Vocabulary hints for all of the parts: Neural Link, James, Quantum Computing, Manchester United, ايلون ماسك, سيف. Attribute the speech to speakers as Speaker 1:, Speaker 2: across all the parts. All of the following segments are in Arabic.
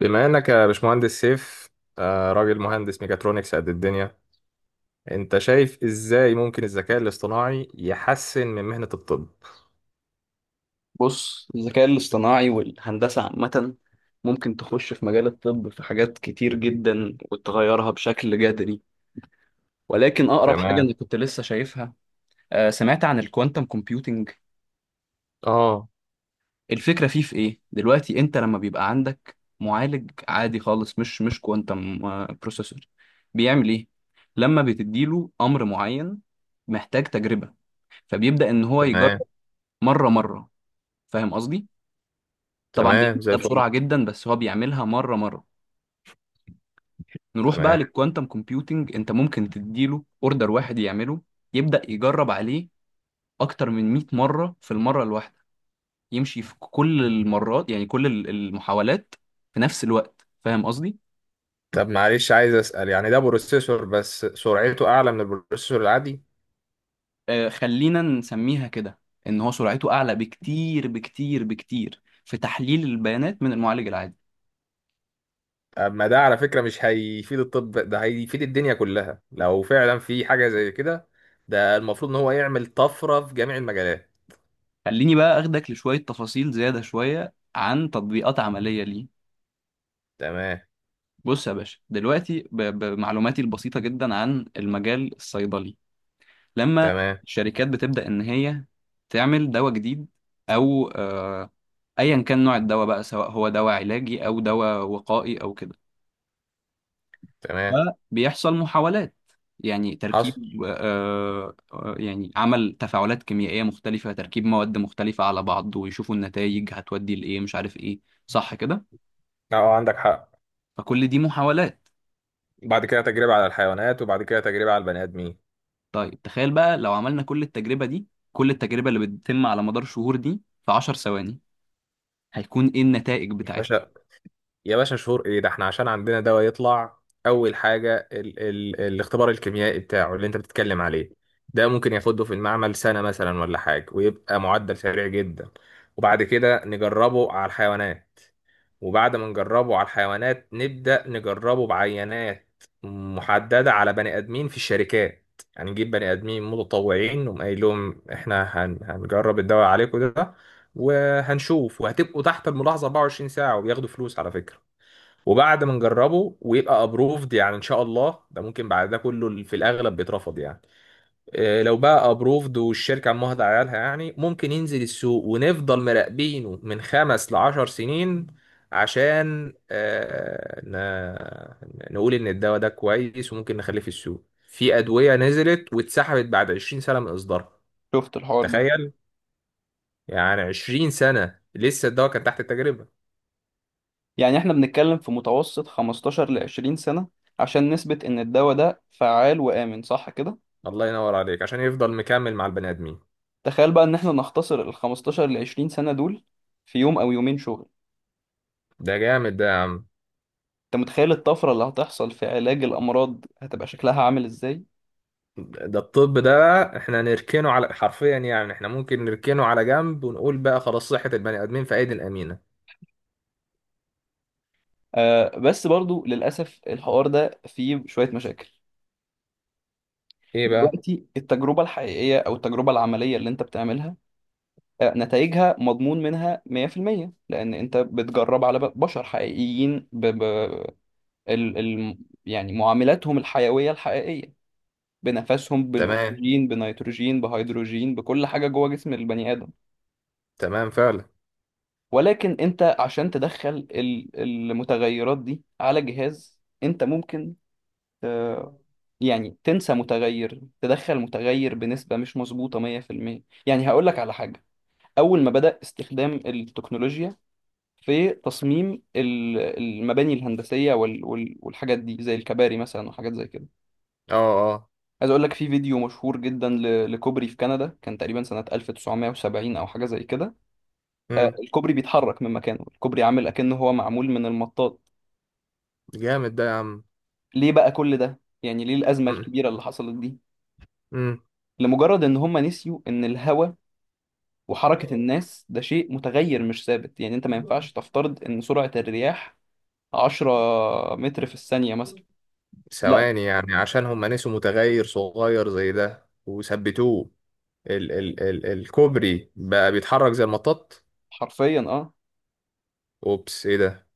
Speaker 1: بما انك يا باشمهندس سيف، راجل مهندس ميكاترونكس قد الدنيا. انت شايف ازاي ممكن الذكاء الاصطناعي يحسن من مهنة الطب؟
Speaker 2: بص الذكاء الاصطناعي والهندسة عامة ممكن تخش في مجال الطب في حاجات كتير جدا وتغيرها بشكل جذري، ولكن أقرب حاجة أنا
Speaker 1: تمام.
Speaker 2: كنت لسه شايفها، سمعت عن الكوانتم كومبيوتينج.
Speaker 1: اه.
Speaker 2: الفكرة فيه في إيه؟ دلوقتي أنت لما بيبقى عندك معالج عادي خالص مش كوانتم بروسيسور بيعمل إيه؟ لما بتديله أمر معين محتاج تجربة، فبيبدأ إن هو يجرب
Speaker 1: تمام.
Speaker 2: مرة مرة. فاهم قصدي؟ طبعا
Speaker 1: تمام
Speaker 2: بيعمل
Speaker 1: زي
Speaker 2: ده
Speaker 1: الفل.
Speaker 2: بسرعة جدا بس هو بيعملها مرة مرة. نروح بقى
Speaker 1: تمام.
Speaker 2: للكوانتم كومبيوتنج، انت ممكن تديله اوردر واحد يعمله، يبدأ يجرب عليه اكتر من 100 مرة في المرة الواحدة، يمشي في كل المرات، يعني كل المحاولات في نفس الوقت. فاهم قصدي؟
Speaker 1: طب معلش، عايز اسال، يعني ده بروسيسور بس سرعته اعلى من البروسيسور العادي؟
Speaker 2: آه، خلينا نسميها كده، ان هو سرعته اعلى بكتير بكتير بكتير في تحليل البيانات من المعالج العادي.
Speaker 1: طب ما ده على فكرة مش هيفيد الطب، ده هيفيد الدنيا كلها لو فعلا في حاجة زي كده. ده المفروض ان هو يعمل طفرة في جميع المجالات.
Speaker 2: خليني بقى اخدك لشوية تفاصيل زيادة شوية عن تطبيقات عملية ليه.
Speaker 1: تمام.
Speaker 2: بص يا باشا، دلوقتي بمعلوماتي البسيطة جدا عن المجال الصيدلي، لما
Speaker 1: تمام.
Speaker 2: الشركات بتبدأ إن هي تعمل دواء جديد، أو أيا كان نوع الدواء بقى، سواء هو دواء علاجي أو دواء وقائي أو كده،
Speaker 1: تمام.
Speaker 2: فبيحصل محاولات، يعني
Speaker 1: حصل.
Speaker 2: تركيب، يعني عمل تفاعلات كيميائية مختلفة، تركيب مواد مختلفة على بعض ويشوفوا النتائج هتودي لإيه مش عارف إيه. صح كده؟
Speaker 1: اه، عندك حق.
Speaker 2: فكل دي محاولات.
Speaker 1: بعد كده تجربة على الحيوانات، وبعد كده تجربة على البني آدمين.
Speaker 2: طيب تخيل بقى لو عملنا كل التجربة دي، كل التجربة اللي بتتم على مدار شهور دي، في 10 ثواني، هيكون إيه النتائج
Speaker 1: يا
Speaker 2: بتاعتها؟
Speaker 1: باشا، يا باشا، شهور ايه ده؟ احنا عشان عندنا دواء يطلع، أول حاجة ال الاختبار الكيميائي بتاعه اللي أنت بتتكلم عليه، ده ممكن ياخده في المعمل سنة مثلا ولا حاجة ويبقى معدل سريع جدا. وبعد كده نجربه على الحيوانات، وبعد ما نجربه على الحيوانات نبدأ نجربه بعينات محددة على بني آدمين في الشركات. يعني نجيب بني آدمين متطوعين نقوم قايل لهم إحنا هنجرب الدواء عليكم ده، وهنشوف، وهتبقوا تحت الملاحظة 24 ساعة، وبياخدوا فلوس على فكرة. وبعد ما نجربه ويبقى أبروفد، يعني إن شاء الله، ده ممكن بعد ده كله في الأغلب بيترفض يعني. لو بقى ابروفد والشركه عمها عيالها، يعني ممكن ينزل السوق ونفضل مراقبينه من 5-10 سنين عشان نقول ان الدواء ده كويس وممكن نخليه في السوق. في ادويه نزلت واتسحبت بعد 20 سنه من اصدارها.
Speaker 2: شفت الحوار ده؟
Speaker 1: تخيل، يعني 20 سنه لسه الدواء كان تحت التجربه.
Speaker 2: يعني احنا بنتكلم في متوسط 15 ل 20 سنة عشان نثبت ان الدواء ده فعال وآمن، صح كده؟
Speaker 1: الله ينور عليك، عشان يفضل مكمل مع البني ادمين.
Speaker 2: تخيل بقى ان احنا نختصر ال 15 ل 20 سنة دول في يوم او يومين شغل.
Speaker 1: ده جامد ده يا عم.
Speaker 2: انت متخيل الطفرة اللي هتحصل في علاج الامراض هتبقى شكلها عامل ازاي؟
Speaker 1: ده الطب ده بقى احنا نركنه على، حرفيا يعني احنا ممكن نركنه على جنب ونقول بقى خلاص صحة البني آدمين في أيدي الأمينة.
Speaker 2: آه بس برضو للاسف الحوار ده فيه شوية مشاكل.
Speaker 1: ايه بقى؟
Speaker 2: دلوقتي التجربة الحقيقية او التجربة العملية اللي انت بتعملها، نتائجها مضمون منها 100% لان انت بتجرب على بشر حقيقيين، ب... ب... ال ال يعني معاملاتهم الحيوية الحقيقية بنفسهم،
Speaker 1: تمام.
Speaker 2: بالأكسجين، بنيتروجين، بهيدروجين، بكل حاجة جوه جسم البني آدم.
Speaker 1: تمام فعلا.
Speaker 2: ولكن أنت عشان تدخل المتغيرات دي على جهاز، أنت ممكن آه، يعني تنسى متغير، تدخل متغير بنسبة مش مظبوطة 100%. يعني هقول لك على حاجة. أول ما بدأ استخدام التكنولوجيا في تصميم المباني الهندسية والحاجات دي زي الكباري مثلا وحاجات زي كده،
Speaker 1: اه. اه.
Speaker 2: عايز اقول لك في فيديو مشهور جدا لكوبري في كندا كان تقريبا سنة 1970 او حاجة زي كده.
Speaker 1: امم.
Speaker 2: الكوبري بيتحرك من مكانه، الكوبري عامل اكنه هو معمول من المطاط.
Speaker 1: جامد ده يا عم.
Speaker 2: ليه بقى كل ده؟ يعني ليه الأزمة
Speaker 1: امم.
Speaker 2: الكبيرة اللي حصلت دي؟
Speaker 1: امم.
Speaker 2: لمجرد ان هم نسيوا ان الهواء وحركة الناس ده شيء متغير مش ثابت. يعني انت ما ينفعش تفترض ان سرعة الرياح 10 متر في الثانية مثلا. لا،
Speaker 1: ثواني يعني، عشان هم نسوا متغير صغير زي ده وثبتوه، ال الكوبري بقى بيتحرك زي المطاط.
Speaker 2: حرفيا اه.
Speaker 1: اوبس، ايه ده؟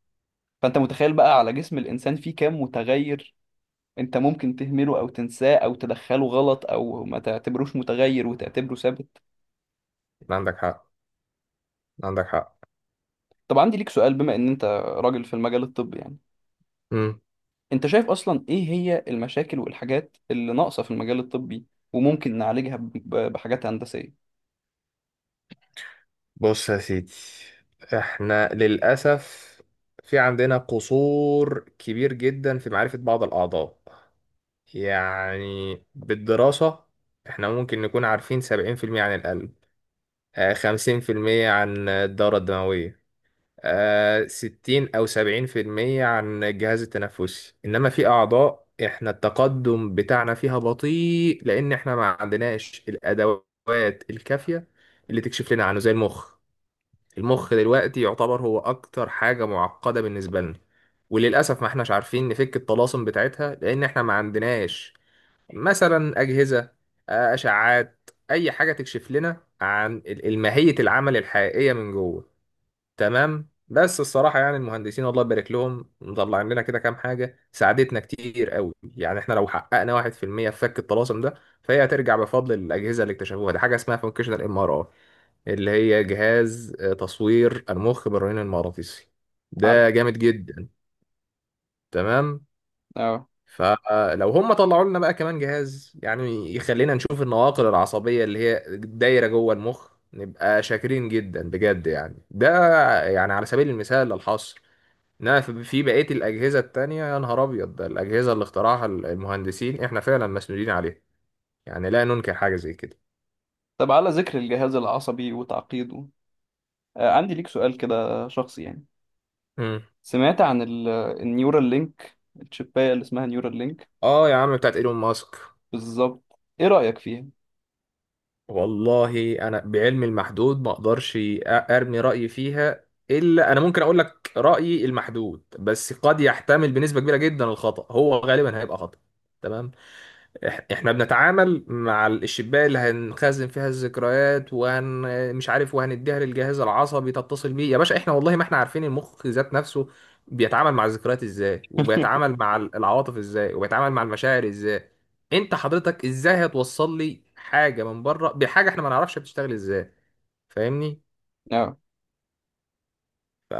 Speaker 2: فانت متخيل بقى على جسم الانسان فيه كام متغير انت ممكن تهمله او تنساه او تدخله غلط او ما تعتبروش متغير وتعتبره ثابت؟
Speaker 1: عندك حق. عندك
Speaker 2: طب عندي ليك سؤال، بما ان انت راجل في المجال الطبي يعني،
Speaker 1: حق.
Speaker 2: انت شايف اصلا ايه هي المشاكل والحاجات اللي ناقصة في المجال الطبي وممكن نعالجها بحاجات هندسية؟
Speaker 1: بص يا سيدي، احنا للأسف في عندنا قصور كبير جدا في معرفة بعض الأعضاء، يعني بالدراسة. احنا ممكن نكون عارفين 70% عن القلب، 50% عن الدورة الدموية، 60 أو 70% عن الجهاز التنفسي. إنما في أعضاء احنا التقدم بتاعنا فيها بطيء، لأن احنا ما عندناش الأدوات الكافية اللي تكشف لنا عنه زي المخ. المخ دلوقتي يعتبر هو اكتر حاجة معقدة بالنسبة لنا، وللأسف ما احناش عارفين نفك الطلاسم بتاعتها، لان احنا ما عندناش مثلا أجهزة، أشعات، أي حاجة تكشف لنا عن الماهية، العمل الحقيقية من جوه. تمام، بس الصراحة يعني المهندسين الله يبارك لهم مطلعين لنا كده كام حاجة ساعدتنا كتير قوي. يعني احنا لو حققنا 1% في المية في فك الطلاسم ده، فهي هترجع بفضل الأجهزة اللي اكتشفوها. دي حاجة اسمها فانكشنال ام ار اي، اللي هي جهاز تصوير المخ بالرنين المغناطيسي.
Speaker 2: عارف،
Speaker 1: ده جامد جدا. تمام.
Speaker 2: اه.
Speaker 1: فلو هم طلعوا لنا بقى كمان جهاز يعني يخلينا نشوف النواقل العصبية اللي هي دايرة جوه المخ، نبقى شاكرين جدا بجد. يعني ده، يعني على سبيل المثال للحصر. انما في بقية الأجهزة التانية، يا نهار أبيض، ده الأجهزة اللي اخترعها المهندسين، احنا فعلا مسؤولين عليها، يعني لا ننكر حاجة زي كده.
Speaker 2: طب على ذكر الجهاز العصبي وتعقيده، عندي ليك سؤال كده شخصي يعني.
Speaker 1: مم.
Speaker 2: سمعت عن النيورال لينك، الشباية اللي اسمها نيورال لينك،
Speaker 1: اه يا عم، بتاعت ايلون ماسك؟
Speaker 2: بالظبط، ايه رأيك فيها؟
Speaker 1: والله انا بعلمي المحدود ما اقدرش ارمي رايي فيها. الا انا ممكن اقول لك رايي المحدود، بس قد يحتمل بنسبه كبيره جدا الخطا، هو غالبا هيبقى خطا. تمام. احنا بنتعامل مع الشباك اللي هنخزن فيها الذكريات، مش عارف، وهنديها للجهاز العصبي تتصل بيه. يا باشا، احنا والله ما احنا عارفين المخ ذات نفسه بيتعامل مع الذكريات ازاي، وبيتعامل مع العواطف ازاي، وبيتعامل مع المشاعر ازاي. انت حضرتك ازاي هتوصل لي حاجة من بره بحاجة احنا ما نعرفش بتشتغل ازاي؟ فاهمني؟
Speaker 2: اه،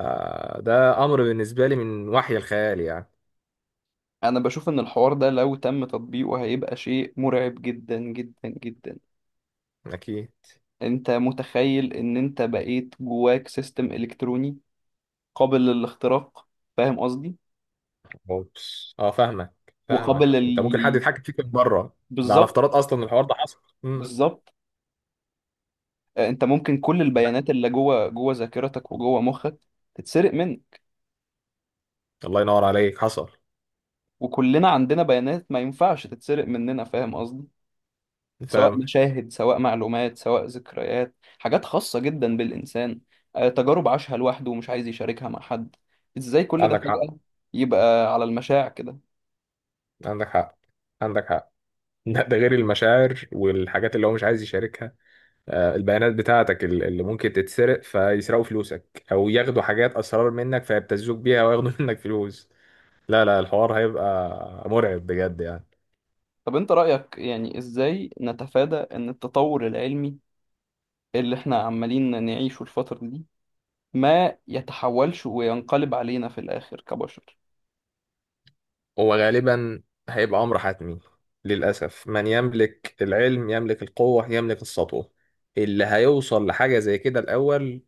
Speaker 1: ده امر بالنسبة لي من وحي الخيال يعني.
Speaker 2: انا بشوف ان الحوار ده لو تم تطبيقه هيبقى شيء مرعب جدا جدا جدا.
Speaker 1: اكيد.
Speaker 2: انت متخيل ان انت بقيت جواك سيستم الكتروني قابل للاختراق؟ فاهم قصدي؟
Speaker 1: اوبس، اه، فاهمك. فاهمك،
Speaker 2: وقابل
Speaker 1: انت ممكن حد يتحكم فيك من بره. ده على
Speaker 2: بالظبط.
Speaker 1: افتراض اصلا إن الحوار ده حصل. امم.
Speaker 2: بالظبط. انت ممكن كل البيانات اللي جوه ذاكرتك وجوه مخك تتسرق منك.
Speaker 1: الله ينور عليك، حصل.
Speaker 2: وكلنا عندنا بيانات ما ينفعش تتسرق مننا، فاهم قصدي؟ سواء
Speaker 1: فاهم.
Speaker 2: مشاهد، سواء معلومات، سواء ذكريات، حاجات خاصة جدا بالإنسان، تجارب عاشها لوحده ومش عايز يشاركها مع حد. إزاي كل ده
Speaker 1: عندك حق.
Speaker 2: فجأة يبقى على المشاع كده؟
Speaker 1: عندك حق. عندك حق. ده غير المشاعر والحاجات اللي هو مش عايز يشاركها. البيانات بتاعتك اللي ممكن تتسرق، فيسرقوا فلوسك او ياخدوا حاجات اسرار منك فيبتزوك بيها وياخدوا منك فلوس. لا، لا، الحوار هيبقى مرعب بجد يعني.
Speaker 2: طب أنت رأيك، يعني إزاي نتفادى إن التطور العلمي اللي إحنا عمالين نعيشه الفترة دي ما يتحولش وينقلب علينا في الآخر كبشر؟
Speaker 1: هو غالبا هيبقى أمر حتمي، للأسف. من يملك العلم يملك القوة يملك السطوة. اللي هيوصل لحاجة زي كده الأول،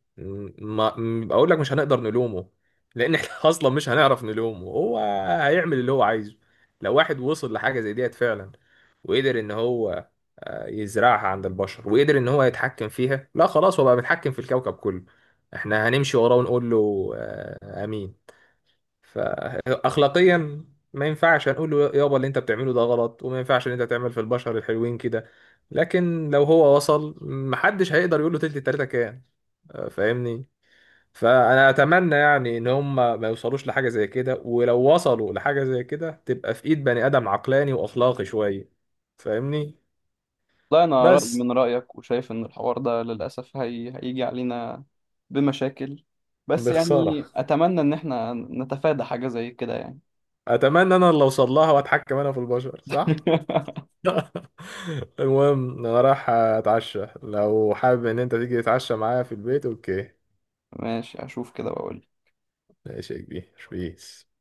Speaker 1: ما م- بقول لك مش هنقدر نلومه، لأن احنا أصلا مش هنعرف نلومه. هو هيعمل اللي هو عايزه. لو واحد وصل لحاجة زي ديت فعلا، وقدر إن هو يزرعها عند البشر، وقدر إن هو يتحكم فيها، لا خلاص، هو بقى بيتحكم في الكوكب كله. احنا هنمشي وراه ونقول له آه، آمين. فأخلاقيا، ما ينفعش هنقول له يابا اللي انت بتعمله ده غلط، وما ينفعش ان انت تعمل في البشر الحلوين كده. لكن لو هو وصل، محدش هيقدر يقول له تلت التلاته كان. فاهمني؟ فانا اتمنى يعني ان هم ما يوصلوش لحاجه زي كده، ولو وصلوا لحاجه زي كده تبقى في ايد بني ادم عقلاني واخلاقي شويه. فاهمني؟
Speaker 2: لا، أنا رأيي
Speaker 1: بس
Speaker 2: من رأيك وشايف إن الحوار ده للأسف هيجي علينا بمشاكل. بس
Speaker 1: بخساره.
Speaker 2: يعني أتمنى إن إحنا نتفادى حاجة زي كده يعني.
Speaker 1: اتمنى انا اللي اوصل لها واتحكم انا في البشر، صح؟ المهم، انا رايح اتعشى، لو حابب ان انت تيجي تتعشى معايا في البيت. اوكي؟
Speaker 2: ماشي، أشوف كده وأقول.
Speaker 1: ماشي يا كبير. بيس.